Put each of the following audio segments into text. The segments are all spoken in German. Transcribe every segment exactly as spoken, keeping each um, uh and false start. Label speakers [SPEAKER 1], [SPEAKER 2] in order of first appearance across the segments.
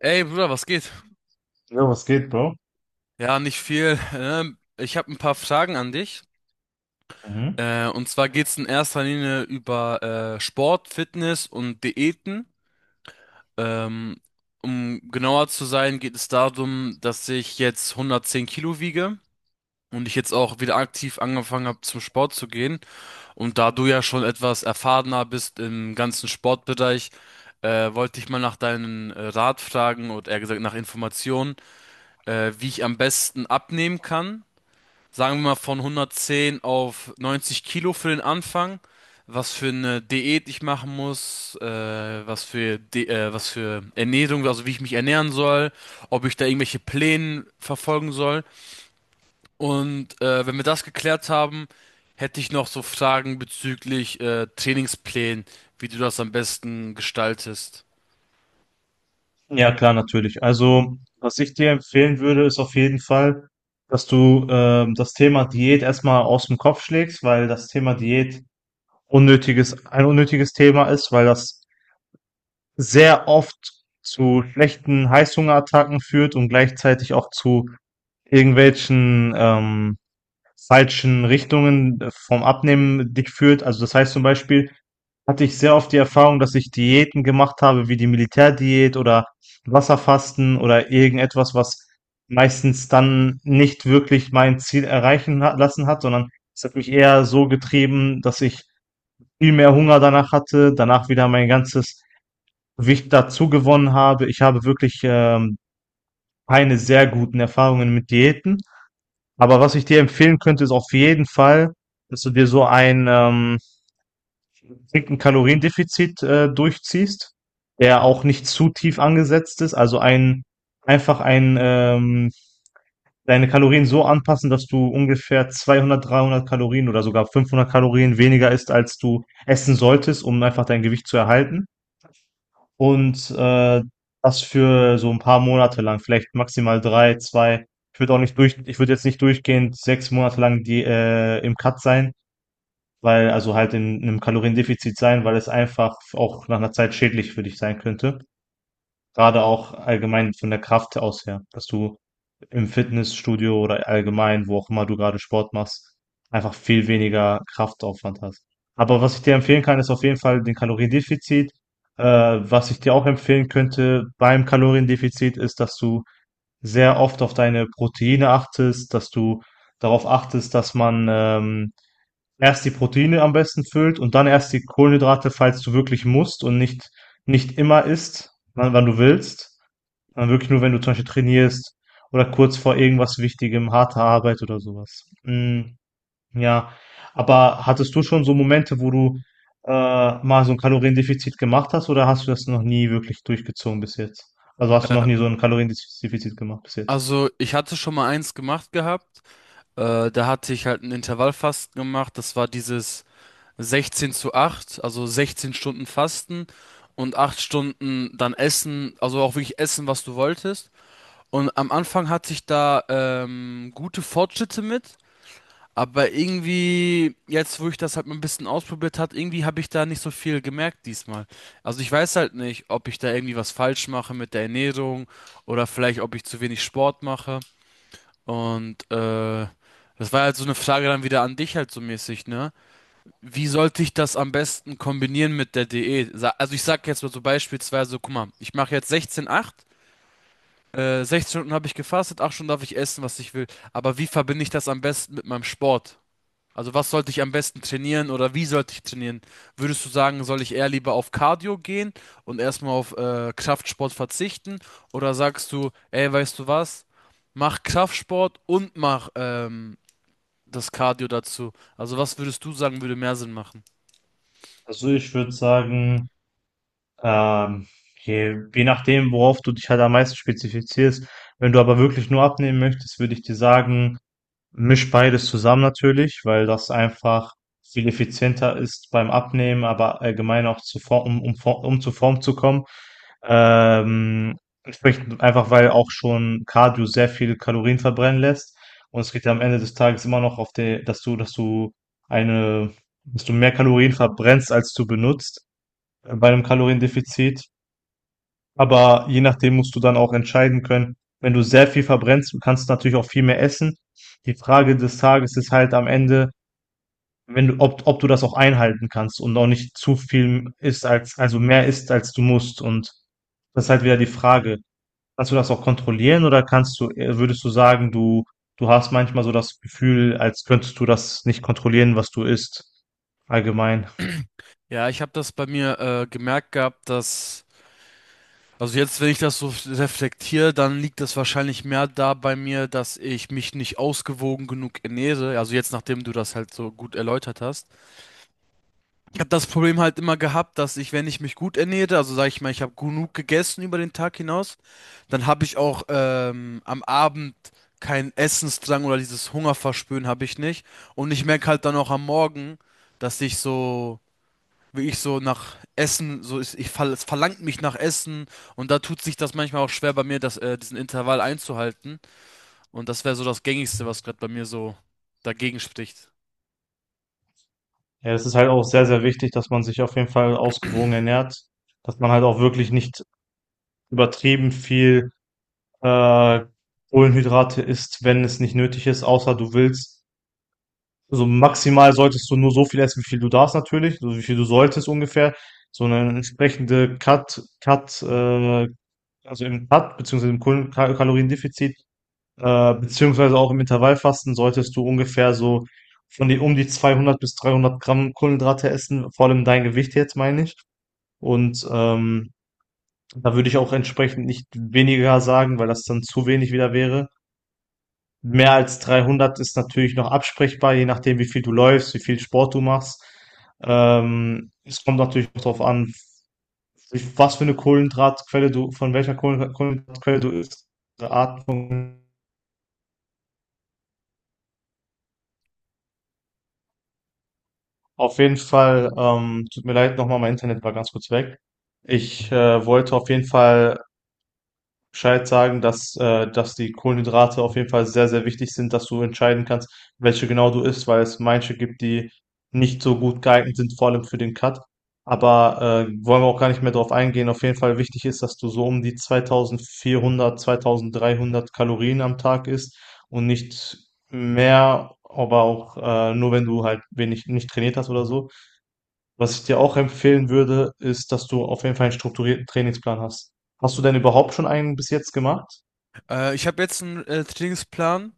[SPEAKER 1] Ey, Bruder, was geht?
[SPEAKER 2] Ja, was geht, Bro?
[SPEAKER 1] Ja, nicht viel. Ähm, ich habe ein paar Fragen an dich. Äh, und zwar geht's in erster Linie über äh, Sport, Fitness und Diäten. Ähm, um genauer zu sein, geht es darum, dass ich jetzt hundertzehn Kilo wiege und ich jetzt auch wieder aktiv angefangen habe, zum Sport zu gehen. Und da du ja schon etwas erfahrener bist im ganzen Sportbereich, äh, wollte ich mal nach deinen äh, Rat fragen oder eher gesagt nach Informationen, äh, wie ich am besten abnehmen kann, sagen wir mal von hundertzehn auf neunzig Kilo für den Anfang, was für eine Diät ich machen muss, äh, was für De äh, was für Ernährung, also wie ich mich ernähren soll, ob ich da irgendwelche Pläne verfolgen soll. Und äh, wenn wir das geklärt haben, hätte ich noch so Fragen bezüglich äh, Trainingsplänen, wie du das am besten gestaltest.
[SPEAKER 2] Ja, klar, natürlich. Also, was ich dir empfehlen würde, ist auf jeden Fall, dass du ähm, das Thema Diät erstmal aus dem Kopf schlägst, weil das Thema Diät unnötiges, ein unnötiges Thema ist, weil das sehr oft zu schlechten Heißhungerattacken führt und gleichzeitig auch zu irgendwelchen ähm, falschen Richtungen vom Abnehmen dich führt. Also das heißt zum Beispiel, hatte ich sehr oft die Erfahrung, dass ich Diäten gemacht habe, wie die Militärdiät oder Wasserfasten oder irgendetwas, was meistens dann nicht wirklich mein Ziel erreichen ha lassen hat, sondern es hat mich eher so getrieben, dass ich viel mehr Hunger danach hatte, danach wieder mein ganzes Gewicht dazu gewonnen habe. Ich habe wirklich, ähm, keine sehr guten Erfahrungen mit Diäten. Aber was ich dir empfehlen könnte, ist auf jeden Fall, dass du dir so ein, ähm, strikten Kaloriendefizit äh, durchziehst, der auch nicht zu tief angesetzt ist, also ein einfach ein ähm, deine Kalorien so anpassen, dass du ungefähr zweihundert, dreihundert Kalorien oder sogar fünfhundert Kalorien weniger isst, als du essen solltest, um einfach dein Gewicht zu erhalten. Und äh, das für so ein paar Monate lang, vielleicht maximal drei, zwei. Ich würde auch nicht durch, ich würde jetzt nicht durchgehend sechs Monate lang die äh, im Cut sein, weil, also halt in einem Kaloriendefizit sein, weil es einfach auch nach einer Zeit schädlich für dich sein könnte. Gerade auch allgemein von der Kraft aus her, dass du im Fitnessstudio oder allgemein, wo auch immer du gerade Sport machst, einfach viel weniger Kraftaufwand hast. Aber was ich dir empfehlen kann, ist auf jeden Fall den Kaloriendefizit. Äh, was ich dir auch empfehlen könnte beim Kaloriendefizit, ist, dass du sehr oft auf deine Proteine achtest, dass du darauf achtest, dass man, ähm erst die Proteine am besten füllt und dann erst die Kohlenhydrate, falls du wirklich musst, und nicht nicht immer isst, wann wann du willst, sondern wirklich nur, wenn du zum Beispiel trainierst oder kurz vor irgendwas Wichtigem, harter Arbeit oder sowas. Was. Hm, ja, aber hattest du schon so Momente, wo du, äh, mal so ein Kaloriendefizit gemacht hast, oder hast du das noch nie wirklich durchgezogen bis jetzt? Also, hast du noch
[SPEAKER 1] Äh,
[SPEAKER 2] nie so ein Kaloriendefizit gemacht bis jetzt?
[SPEAKER 1] Also ich hatte schon mal eins gemacht gehabt. Äh, da hatte ich halt ein Intervallfasten gemacht. Das war dieses sechzehn zu acht, also sechzehn Stunden Fasten und acht Stunden dann Essen, also auch wirklich essen, was du wolltest. Und am Anfang hatte ich da ähm, gute Fortschritte mit, aber irgendwie, jetzt wo ich das halt mal ein bisschen ausprobiert hat, irgendwie habe ich da nicht so viel gemerkt diesmal. Also ich weiß halt nicht, ob ich da irgendwie was falsch mache mit der Ernährung oder vielleicht, ob ich zu wenig Sport mache. Und äh, das war halt so eine Frage dann wieder an dich halt so mäßig, ne? Wie sollte ich das am besten kombinieren mit der Diät? Sa- Also ich sag jetzt mal so beispielsweise, guck mal, ich mache jetzt sechzehn acht, äh, sechzehn Stunden habe ich gefastet, acht Stunden darf ich essen, was ich will. Aber wie verbinde ich das am besten mit meinem Sport? Also was sollte ich am besten trainieren oder wie sollte ich trainieren? Würdest du sagen, soll ich eher lieber auf Cardio gehen und erstmal auf äh, Kraftsport verzichten? Oder sagst du, ey, weißt du was? Mach Kraftsport und mach ähm, das Cardio dazu. Also was würdest du sagen, würde mehr Sinn machen?
[SPEAKER 2] Also, ich würde sagen, Ähm, je, je nachdem, worauf du dich halt am meisten spezifizierst. Wenn du aber wirklich nur abnehmen möchtest, würde ich dir sagen, misch beides zusammen natürlich, weil das einfach viel effizienter ist beim Abnehmen, aber allgemein auch zu Form, um, um, Form- um zu Form zu kommen. Ähm, Entsprechend einfach, weil auch schon Cardio sehr viele Kalorien verbrennen lässt. Und es geht ja am Ende des Tages immer noch auf der, dass du, dass du eine, dass du mehr Kalorien verbrennst, als du benutzt bei einem Kaloriendefizit. Aber je nachdem musst du dann auch entscheiden können. Wenn du sehr viel verbrennst, du kannst du natürlich auch viel mehr essen. Die Frage des Tages ist halt am Ende, wenn du, ob, ob du das auch einhalten kannst und auch nicht zu viel isst als, also mehr isst als du musst. Und das ist halt wieder die Frage. Kannst du das auch kontrollieren, oder kannst du, äh, würdest du sagen, du, du hast manchmal so das Gefühl, als könntest du das nicht kontrollieren, was du isst? Allgemein.
[SPEAKER 1] Ja, ich habe das bei mir äh, gemerkt gehabt, dass, also jetzt, wenn ich das so reflektiere, dann liegt das wahrscheinlich mehr da bei mir, dass ich mich nicht ausgewogen genug ernähre. Also jetzt, nachdem du das halt so gut erläutert hast. Ich habe das Problem halt immer gehabt, dass ich, wenn ich mich gut ernähre, also sage ich mal, ich habe genug gegessen über den Tag hinaus, dann habe ich auch ähm, am Abend keinen Essensdrang oder dieses Hungerverspüren habe ich nicht. Und ich merke halt dann auch am Morgen, dass ich so wie ich so nach Essen, so ist, ich fall, es verlangt mich nach Essen und da tut sich das manchmal auch schwer bei mir, das, äh, diesen Intervall einzuhalten. Und das wäre so das Gängigste, was gerade bei mir so dagegen spricht.
[SPEAKER 2] Ja, das ist halt auch sehr, sehr wichtig, dass man sich auf jeden Fall ausgewogen ernährt, dass man halt auch wirklich nicht übertrieben viel äh, Kohlenhydrate isst, wenn es nicht nötig ist, außer du willst. Also maximal solltest du nur so viel essen, wie viel du darfst natürlich, so wie viel du solltest ungefähr. So eine entsprechende Cut, Cut, äh, also im Cut, beziehungsweise im Kohlen- Ka- Kaloriendefizit, äh, beziehungsweise auch im Intervallfasten solltest du ungefähr so von die, um die zweihundert bis dreihundert Gramm Kohlenhydrate essen, vor allem dein Gewicht jetzt, meine ich. Und ähm, da würde ich auch entsprechend nicht weniger sagen, weil das dann zu wenig wieder wäre. Mehr als dreihundert ist natürlich noch absprechbar, je nachdem, wie viel du läufst, wie viel Sport du machst. Ähm, es kommt natürlich auch darauf an, was für eine Kohlenhydratquelle du, von welcher Kohlen- Kohlenhydratquelle du isst. Diese Art von- Auf jeden Fall, ähm, tut mir leid, nochmal, mein Internet war ganz kurz weg. Ich äh, wollte auf jeden Fall Bescheid sagen, dass, äh, dass die Kohlenhydrate auf jeden Fall sehr, sehr wichtig sind, dass du entscheiden kannst, welche genau du isst, weil es manche gibt, die nicht so gut geeignet sind, vor allem für den Cut. Aber äh, wollen wir auch gar nicht mehr drauf eingehen. Auf jeden Fall wichtig ist, dass du so um die zweitausendvierhundert, zweitausenddreihundert Kalorien am Tag isst und nicht mehr, aber auch äh, nur wenn du halt wenig nicht trainiert hast oder so. Was ich dir auch empfehlen würde, ist, dass du auf jeden Fall einen strukturierten Trainingsplan hast. Hast du denn überhaupt schon einen bis jetzt gemacht?
[SPEAKER 1] Äh, ich habe jetzt einen äh, Trainingsplan,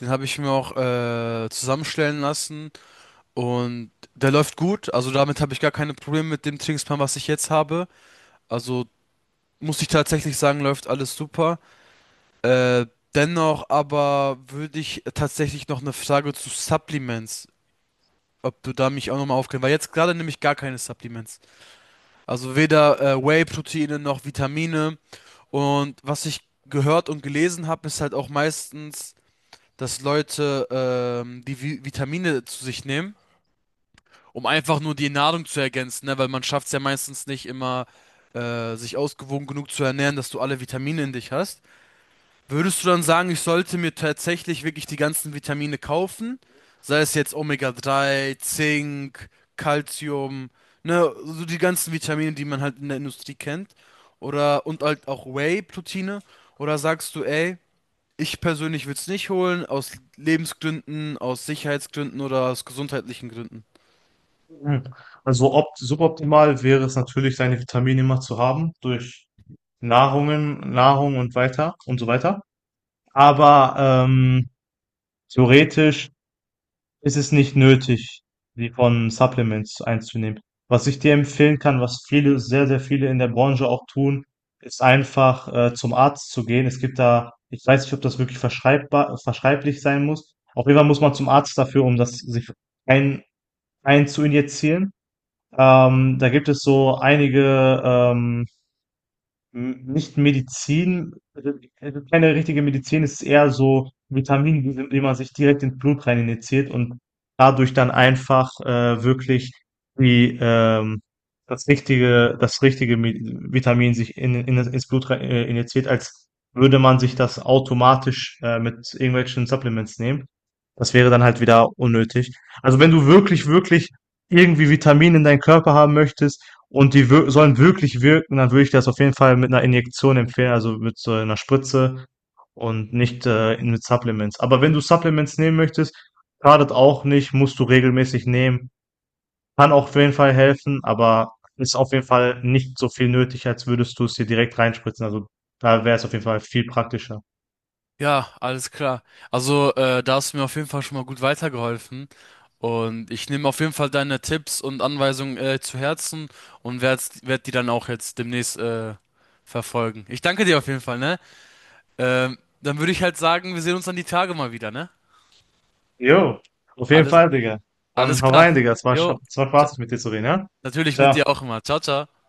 [SPEAKER 1] den habe ich mir auch äh, zusammenstellen lassen und der läuft gut. Also damit habe ich gar keine Probleme mit dem Trainingsplan, was ich jetzt habe. Also muss ich tatsächlich sagen, läuft alles super. Äh, dennoch aber würde ich tatsächlich noch eine Frage zu Supplements, ob du da mich auch nochmal aufklären, weil jetzt gerade nehme ich gar keine Supplements. Also weder äh, Whey-Proteine noch Vitamine. Und was ich gehört und gelesen habe, ist halt auch meistens, dass Leute ähm, die Vi Vitamine zu sich nehmen, um einfach nur die Nahrung zu ergänzen, ne? Weil man schafft es ja meistens nicht immer, äh, sich ausgewogen genug zu ernähren, dass du alle Vitamine in dich hast. Würdest du dann sagen, ich sollte mir tatsächlich wirklich die ganzen Vitamine kaufen? Sei es jetzt Omega drei, Zink, Calcium, ne, so die ganzen Vitamine, die man halt in der Industrie kennt. Oder, und halt auch Whey-Proteine. Oder sagst du, ey, ich persönlich würde es nicht holen, aus Lebensgründen, aus Sicherheitsgründen oder aus gesundheitlichen Gründen?
[SPEAKER 2] Mhm. Also opt suboptimal wäre es natürlich, seine Vitamine immer zu haben durch Nahrungen, Nahrung und weiter und so weiter. Aber ähm, theoretisch, es ist nicht nötig, die von Supplements einzunehmen. Was ich dir empfehlen kann, was viele, sehr, sehr viele in der Branche auch tun, ist einfach äh, zum Arzt zu gehen. Es gibt da, ich weiß nicht, ob das wirklich verschreibbar, verschreiblich sein muss. Auf jeden Fall muss man zum Arzt dafür, um das sich ein, ein zu injizieren. Ähm, da gibt es so einige ähm, hm, nicht Medizin, also also keine richtige Medizin, es ist eher so Vitamine, die sind- die man sich direkt ins Blut rein injiziert und dadurch dann einfach äh, wirklich die, ähm, das richtige, das richtige Mi- Vitamin sich in, in, das- ins Blut rein, äh, injiziert, als würde man sich das automatisch äh, mit irgendwelchen Supplements nehmen. Das wäre dann halt wieder unnötig. Also wenn du wirklich, wirklich irgendwie Vitamine in deinen Körper haben möchtest, und die wir sollen wirklich wirken, dann würde ich das auf jeden Fall mit einer Injektion empfehlen, also mit so einer Spritze und nicht, äh, mit Supplements. Aber wenn du Supplements nehmen möchtest, schadet auch nicht, musst du regelmäßig nehmen. Kann auch auf jeden Fall helfen, aber ist auf jeden Fall nicht so viel nötig, als würdest du es dir direkt reinspritzen. Also, da wäre es auf jeden Fall viel praktischer.
[SPEAKER 1] Ja, alles klar. Also, äh, da hast du mir auf jeden Fall schon mal gut weitergeholfen. Und ich nehme auf jeden Fall deine Tipps und Anweisungen äh, zu Herzen und werde werd die dann auch jetzt demnächst äh, verfolgen. Ich danke dir auf jeden Fall, ne? Ähm, dann würde ich halt sagen, wir sehen uns dann die Tage mal wieder, ne?
[SPEAKER 2] Jo, auf jeden
[SPEAKER 1] Alles,
[SPEAKER 2] Fall, Digga. Dann
[SPEAKER 1] alles
[SPEAKER 2] hau
[SPEAKER 1] klar.
[SPEAKER 2] rein, Digga. Es war
[SPEAKER 1] Jo,
[SPEAKER 2] scho es war
[SPEAKER 1] t-
[SPEAKER 2] spaßig, mit dir zu reden, ja?
[SPEAKER 1] natürlich mit
[SPEAKER 2] Ciao.
[SPEAKER 1] dir auch immer. Ciao, ciao.